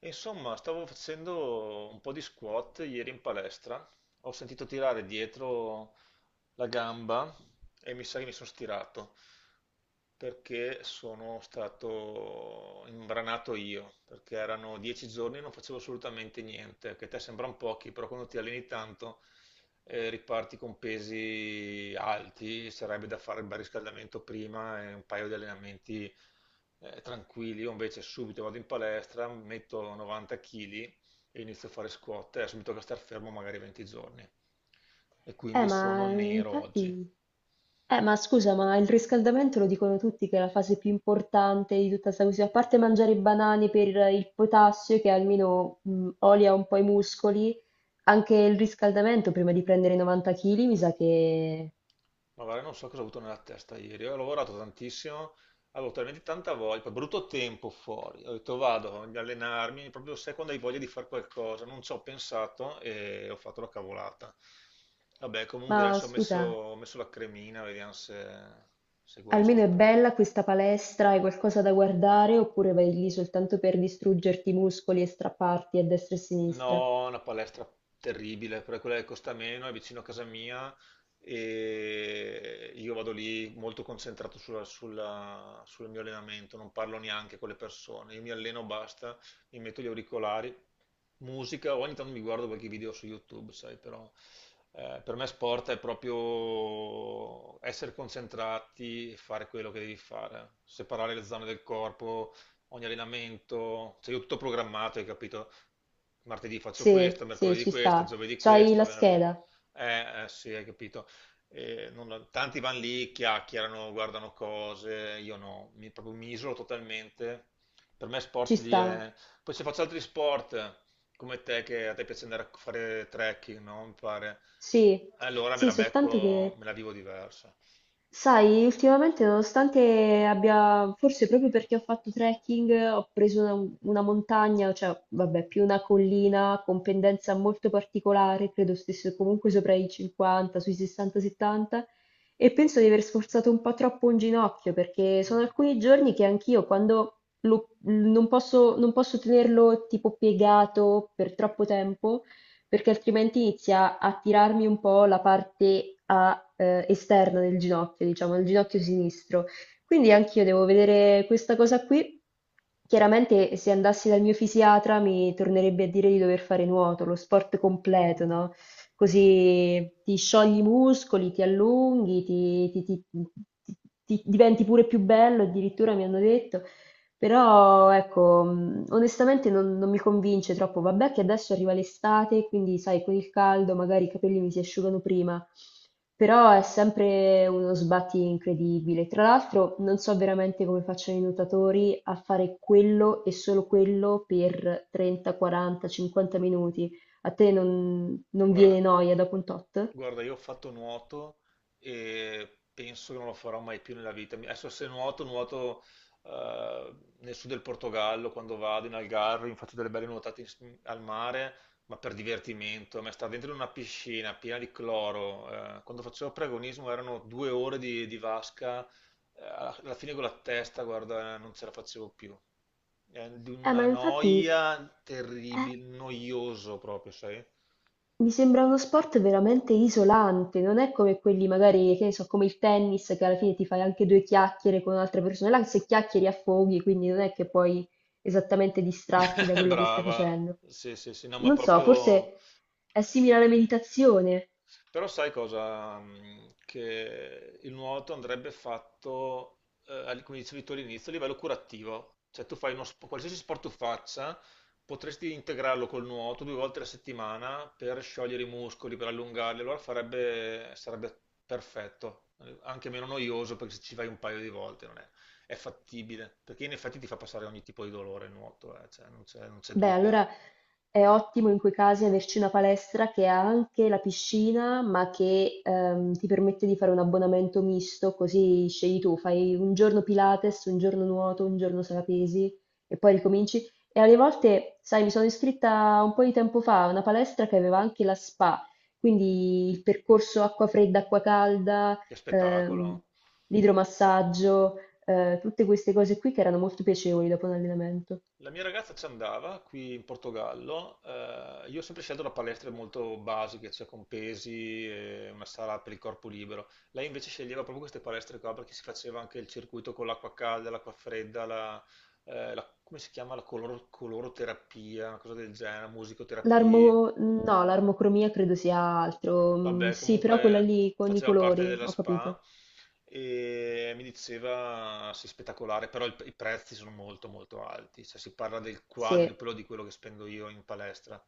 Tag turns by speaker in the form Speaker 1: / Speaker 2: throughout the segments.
Speaker 1: E insomma, stavo facendo un po' di squat ieri in palestra, ho sentito tirare dietro la gamba e mi sa che mi sono stirato perché sono stato imbranato io, perché erano 10 giorni e non facevo assolutamente niente, che a te sembrano pochi, però quando ti alleni tanto, riparti con pesi alti, sarebbe da fare il bel riscaldamento prima e un paio di allenamenti tranquilli. Io invece subito vado in palestra, metto 90 kg e inizio a fare squat e subito che star fermo magari 20 giorni. E quindi sono nero oggi.
Speaker 2: Infatti, ma scusa, ma il riscaldamento lo dicono tutti che è la fase più importante di tutta questa questione, a parte mangiare i banani per il potassio che almeno olia un po' i muscoli, anche il riscaldamento prima di prendere i 90 kg mi sa che...
Speaker 1: Ma guarda, non so cosa ho avuto nella testa ieri. Ho lavorato tantissimo, avevo talmente tanta voglia, poi brutto tempo fuori. Ho detto vado ad allenarmi, proprio sai quando hai voglia di fare qualcosa. Non ci ho pensato e ho fatto la cavolata. Vabbè, comunque
Speaker 2: Ma
Speaker 1: adesso
Speaker 2: scusa,
Speaker 1: ho messo la cremina, vediamo se guarisco
Speaker 2: almeno è
Speaker 1: prima.
Speaker 2: bella questa palestra, hai qualcosa da guardare oppure vai lì soltanto per distruggerti i muscoli e strapparti a destra e a sinistra?
Speaker 1: No, una palestra terribile, però è quella che costa meno, è vicino a casa mia e io vado lì molto concentrato sul mio allenamento, non parlo neanche con le persone, io mi alleno, basta, mi metto gli auricolari, musica, ogni tanto mi guardo qualche video su YouTube, sai, però per me sport è proprio essere concentrati e fare quello che devi fare, separare le zone del corpo, ogni allenamento, cioè io ho tutto programmato, hai capito? Martedì faccio questo,
Speaker 2: Sì, sì,
Speaker 1: mercoledì
Speaker 2: ci
Speaker 1: questo,
Speaker 2: sta.
Speaker 1: giovedì
Speaker 2: C'hai
Speaker 1: questo,
Speaker 2: la
Speaker 1: venerdì...
Speaker 2: scheda?
Speaker 1: Eh, sì, hai capito. Tanti vanno lì, chiacchierano, guardano cose, io no, proprio mi isolo totalmente. Per me
Speaker 2: Ci
Speaker 1: sport lì
Speaker 2: sta.
Speaker 1: è... Poi se faccio altri sport, come te, che a te piace andare a fare trekking, no? Mi pare.
Speaker 2: Sì,
Speaker 1: Allora me
Speaker 2: sì,
Speaker 1: la
Speaker 2: soltanto
Speaker 1: becco,
Speaker 2: che,
Speaker 1: me la vivo diversa.
Speaker 2: sai, ultimamente nonostante abbia, forse proprio perché ho fatto trekking, ho preso una montagna, cioè, vabbè, più una collina con pendenza molto particolare, credo stesse comunque sopra i 50, sui 60-70, e penso di aver sforzato un po' troppo un ginocchio, perché sono alcuni giorni che anch'io, quando non posso tenerlo tipo piegato per troppo tempo, perché altrimenti inizia a tirarmi un po' la parte a, esterna del ginocchio, diciamo, il ginocchio sinistro. Quindi anch'io devo vedere questa cosa qui. Chiaramente se andassi dal mio fisiatra mi tornerebbe a dire di dover fare nuoto, lo sport completo, no? Così ti sciogli i muscoli, ti allunghi, ti diventi pure più bello, addirittura mi hanno detto. Però ecco, onestamente non mi convince troppo. Vabbè che adesso arriva l'estate, quindi sai, con il caldo magari i capelli mi si asciugano prima, però è sempre uno sbatti incredibile. Tra l'altro non so veramente come facciano i nuotatori a fare quello e solo quello per 30, 40, 50 minuti. A te non
Speaker 1: Guarda,
Speaker 2: viene noia dopo un tot?
Speaker 1: Guarda, io ho fatto nuoto e penso che non lo farò mai più nella vita. Adesso se nuoto, nuoto eh, nel sud del Portogallo, quando vado in Algarve, mi faccio delle belle nuotate al mare, ma per divertimento. A me stare dentro una piscina piena di cloro, quando facevo preagonismo erano 2 ore di vasca, alla fine con la testa, guarda, non ce la facevo più. È di
Speaker 2: Eh, ma
Speaker 1: una
Speaker 2: infatti...
Speaker 1: noia terribile, noioso proprio, sai?
Speaker 2: Mi sembra uno sport veramente isolante, non è come quelli magari, che ne so, come il tennis, che alla fine ti fai anche due chiacchiere con altre persone. Là se chiacchieri affoghi, quindi non è che puoi esattamente distrarti da quello che stai
Speaker 1: Brava,
Speaker 2: facendo.
Speaker 1: sì, sì, sì, no, ma
Speaker 2: Non so,
Speaker 1: proprio...
Speaker 2: forse è simile alla meditazione.
Speaker 1: Però sai cosa? Che il nuoto andrebbe fatto, come dicevi tu all'inizio, a livello curativo. Cioè tu fai qualsiasi sport tu faccia, potresti integrarlo col nuoto 2 volte alla settimana per sciogliere i muscoli, per allungarli, allora farebbe, sarebbe perfetto, anche meno noioso perché se ci vai un paio di volte non è, è fattibile, perché in effetti ti fa passare ogni tipo di dolore il nuoto, cioè, non c'è
Speaker 2: Beh,
Speaker 1: dubbio.
Speaker 2: allora è ottimo in quei casi averci una palestra che ha anche la piscina, ma che ti permette di fare un abbonamento misto, così scegli tu, fai un giorno Pilates, un giorno nuoto, un giorno sala pesi e poi ricominci. E alle volte, sai, mi sono iscritta un po' di tempo fa a una palestra che aveva anche la spa, quindi il percorso acqua fredda, acqua calda,
Speaker 1: Che
Speaker 2: ehm,
Speaker 1: spettacolo!
Speaker 2: l'idromassaggio, tutte queste cose qui che erano molto piacevoli dopo un allenamento.
Speaker 1: La mia ragazza ci andava qui in Portogallo. Io ho sempre scelto da palestre molto basiche, cioè con pesi e una sala per il corpo libero. Lei invece sceglieva proprio queste palestre qua perché si faceva anche il circuito con l'acqua calda, l'acqua fredda, la, come si chiama? La coloroterapia, una cosa del genere, musicoterapia.
Speaker 2: No, l'armocromia credo sia altro. Mm.
Speaker 1: Vabbè,
Speaker 2: Sì, però quella
Speaker 1: comunque
Speaker 2: lì con i
Speaker 1: faceva parte
Speaker 2: colori,
Speaker 1: della
Speaker 2: ho
Speaker 1: SPA
Speaker 2: capito.
Speaker 1: e mi diceva, sì, spettacolare, però i prezzi sono molto molto alti, cioè si parla del
Speaker 2: Sì,
Speaker 1: quadruplo di quello che spendo io in palestra.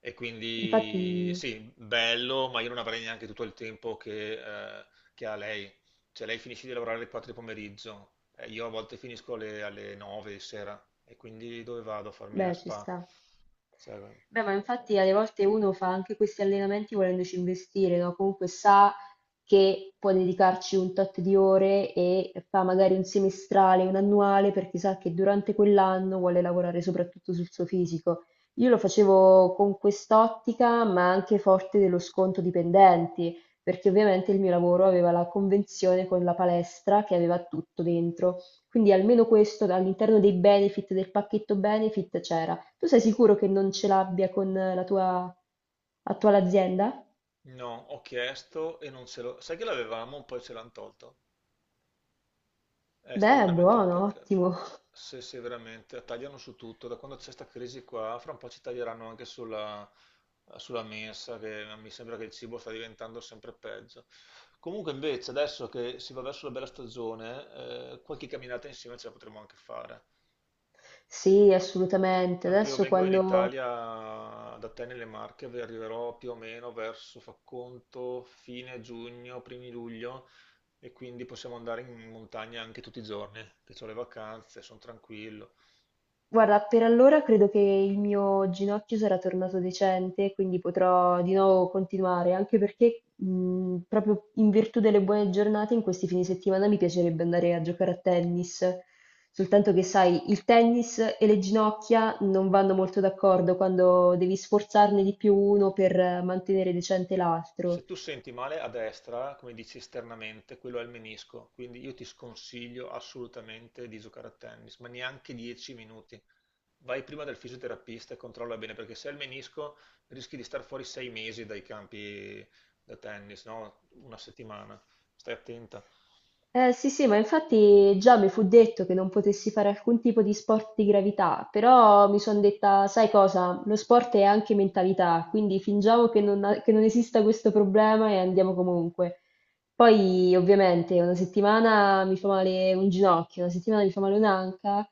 Speaker 1: E quindi
Speaker 2: infatti,
Speaker 1: sì, bello, ma io non avrei neanche tutto il tempo eh, che ha lei. Cioè lei finisce di lavorare alle 4 di pomeriggio, io a volte finisco alle 9 di sera e quindi dove vado a farmi la
Speaker 2: beh, ci
Speaker 1: SPA?
Speaker 2: sta.
Speaker 1: Cioè,
Speaker 2: Beh, ma infatti alle volte uno fa anche questi allenamenti volendoci investire, no? Comunque sa che può dedicarci un tot di ore e fa magari un semestrale, un annuale, perché sa che durante quell'anno vuole lavorare soprattutto sul suo fisico. Io lo facevo con quest'ottica, ma anche forte dello sconto dipendenti, perché ovviamente il mio lavoro aveva la convenzione con la palestra che aveva tutto dentro. Quindi almeno questo all'interno dei benefit, del pacchetto benefit c'era. Tu sei sicuro che non ce l'abbia con la tua attuale azienda?
Speaker 1: no, ho chiesto e non ce l'ho. Sai che l'avevamo, poi ce l'hanno tolto. È stato
Speaker 2: Beh,
Speaker 1: veramente un
Speaker 2: buono,
Speaker 1: peccato.
Speaker 2: ottimo.
Speaker 1: Se veramente tagliano su tutto, da quando c'è questa crisi qua, fra un po' ci taglieranno anche sulla, mensa, che mi sembra che il cibo sta diventando sempre peggio. Comunque invece, adesso che si va verso la bella stagione, qualche camminata insieme ce la potremo anche fare.
Speaker 2: Sì, assolutamente.
Speaker 1: Tanto io
Speaker 2: Adesso
Speaker 1: vengo in
Speaker 2: quando...
Speaker 1: Italia da te nelle Marche, vi arriverò più o meno verso, fa conto, fine giugno, primi luglio, e quindi possiamo andare in montagna anche tutti i giorni, che ho le vacanze, sono tranquillo.
Speaker 2: Guarda, per allora credo che il mio ginocchio sarà tornato decente, quindi potrò di nuovo continuare, anche perché proprio in virtù delle buone giornate in questi fine settimana mi piacerebbe andare a giocare a tennis, soltanto che sai, il tennis e le ginocchia non vanno molto d'accordo quando devi sforzarne di più uno per mantenere decente l'altro.
Speaker 1: Se tu senti male a destra, come dici esternamente, quello è il menisco, quindi io ti sconsiglio assolutamente di giocare a tennis, ma neanche 10 minuti. Vai prima dal fisioterapista e controlla bene, perché se è il menisco rischi di star fuori 6 mesi dai campi da tennis, no? Una settimana. Stai attenta.
Speaker 2: Sì, sì, ma infatti già mi fu detto che non potessi fare alcun tipo di sport di gravità, però mi sono detta, sai cosa, lo sport è anche mentalità, quindi fingiamo che non esista questo problema e andiamo comunque. Poi, ovviamente, una settimana mi fa male un ginocchio, una settimana mi fa male un'anca,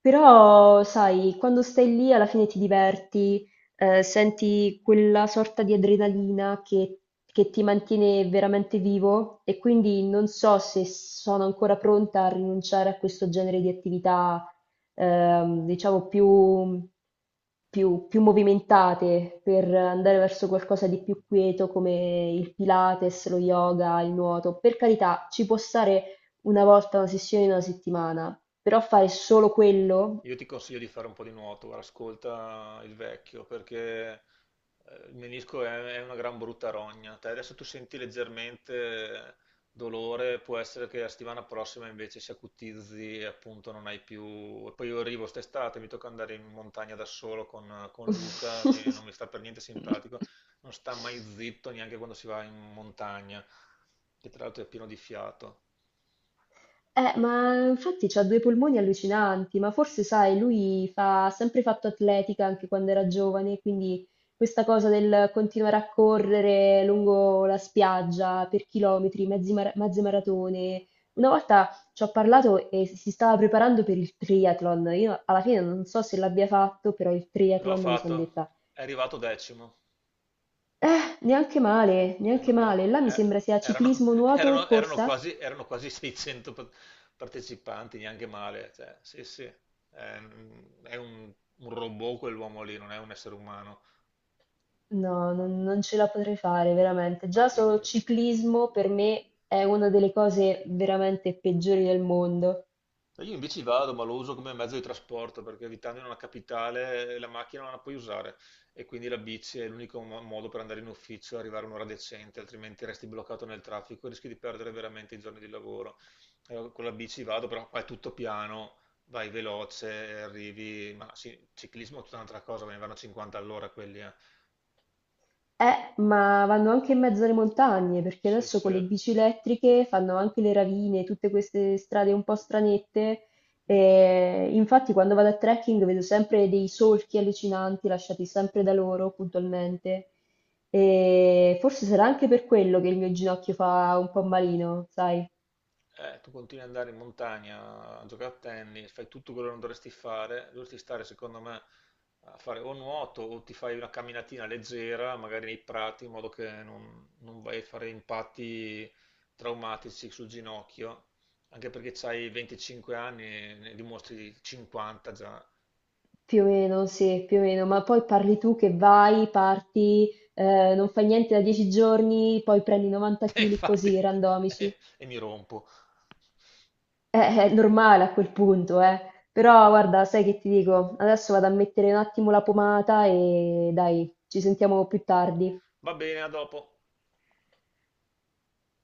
Speaker 2: però, sai, quando stai lì alla fine ti diverti, senti quella sorta di adrenalina che ti mantiene veramente vivo e quindi non so se sono ancora pronta a rinunciare a questo genere di attività, diciamo, più movimentate per andare verso qualcosa di più quieto come il Pilates, lo yoga, il nuoto. Per carità, ci può stare una volta, una sessione in una settimana, però fare solo quello?
Speaker 1: Io ti consiglio di fare un po' di nuoto, guarda, ascolta il vecchio, perché il menisco è una gran brutta rogna. Te adesso tu senti leggermente dolore, può essere che la settimana prossima invece si acutizzi e appunto non hai più... E poi io arrivo quest'estate, mi tocca andare in montagna da solo con Luca, che non mi sta per niente simpatico, non sta mai zitto neanche quando si va in montagna, che tra l'altro è pieno di fiato.
Speaker 2: Ma infatti ha due polmoni allucinanti, ma forse sai, ha sempre fatto atletica anche quando era giovane, quindi questa cosa del continuare a correre lungo la spiaggia per chilometri, mezze maratone. Una volta ci ho parlato e si stava preparando per il triathlon. Io alla fine non so se l'abbia fatto, però il
Speaker 1: Lo ha
Speaker 2: triathlon mi sono
Speaker 1: fatto,
Speaker 2: detta.
Speaker 1: è arrivato 10°.
Speaker 2: Neanche male,
Speaker 1: Eh, no,
Speaker 2: neanche
Speaker 1: neanche-
Speaker 2: male. Là mi
Speaker 1: eh,
Speaker 2: sembra sia
Speaker 1: erano,
Speaker 2: ciclismo, nuoto e
Speaker 1: erano- erano
Speaker 2: corsa.
Speaker 1: quasi, erano quasi 600 partecipanti, neanche male. Cioè, sì, sì, è, un, è un- un robot quell'uomo lì, non è un essere umano.
Speaker 2: No, non ce la potrei fare, veramente.
Speaker 1: Ah,
Speaker 2: Già solo
Speaker 1: figurati.
Speaker 2: ciclismo per me è una delle cose veramente peggiori del mondo.
Speaker 1: Io in bici vado, ma lo uso come mezzo di trasporto perché abitando in una capitale la macchina non la puoi usare e quindi la bici è l'unico modo per andare in ufficio e arrivare a un'ora decente, altrimenti resti bloccato nel traffico e rischi di perdere veramente i giorni di lavoro. Allora, con la bici vado, però qua è tutto piano, vai veloce, e arrivi, ma sì, ciclismo è tutta un'altra cosa, ve ne vanno 50 all'ora quelli, eh.
Speaker 2: Ma vanno anche in mezzo alle montagne, perché
Speaker 1: Sì,
Speaker 2: adesso con
Speaker 1: sì.
Speaker 2: le bici elettriche fanno anche le ravine, tutte queste strade un po' stranette. E infatti, quando vado a trekking vedo sempre dei solchi allucinanti lasciati sempre da loro puntualmente. E forse sarà anche per quello che il mio ginocchio fa un po' malino, sai?
Speaker 1: Tu continui ad andare in montagna a giocare a tennis, fai tutto quello che non dovresti fare, dovresti stare, secondo me, a fare o nuoto o ti fai una camminatina leggera, magari nei prati, in modo che non vai a fare impatti traumatici sul ginocchio, anche perché hai 25 anni e ne dimostri 50 già.
Speaker 2: Più o meno, sì, più o meno. Ma poi parli tu che parti, non fai niente da 10 giorni, poi prendi 90
Speaker 1: E
Speaker 2: kg
Speaker 1: infatti,
Speaker 2: così, randomici.
Speaker 1: e mi rompo.
Speaker 2: È normale a quel punto, eh. Però guarda, sai che ti dico? Adesso vado a mettere un attimo la pomata e dai, ci sentiamo più tardi.
Speaker 1: Va bene, a dopo.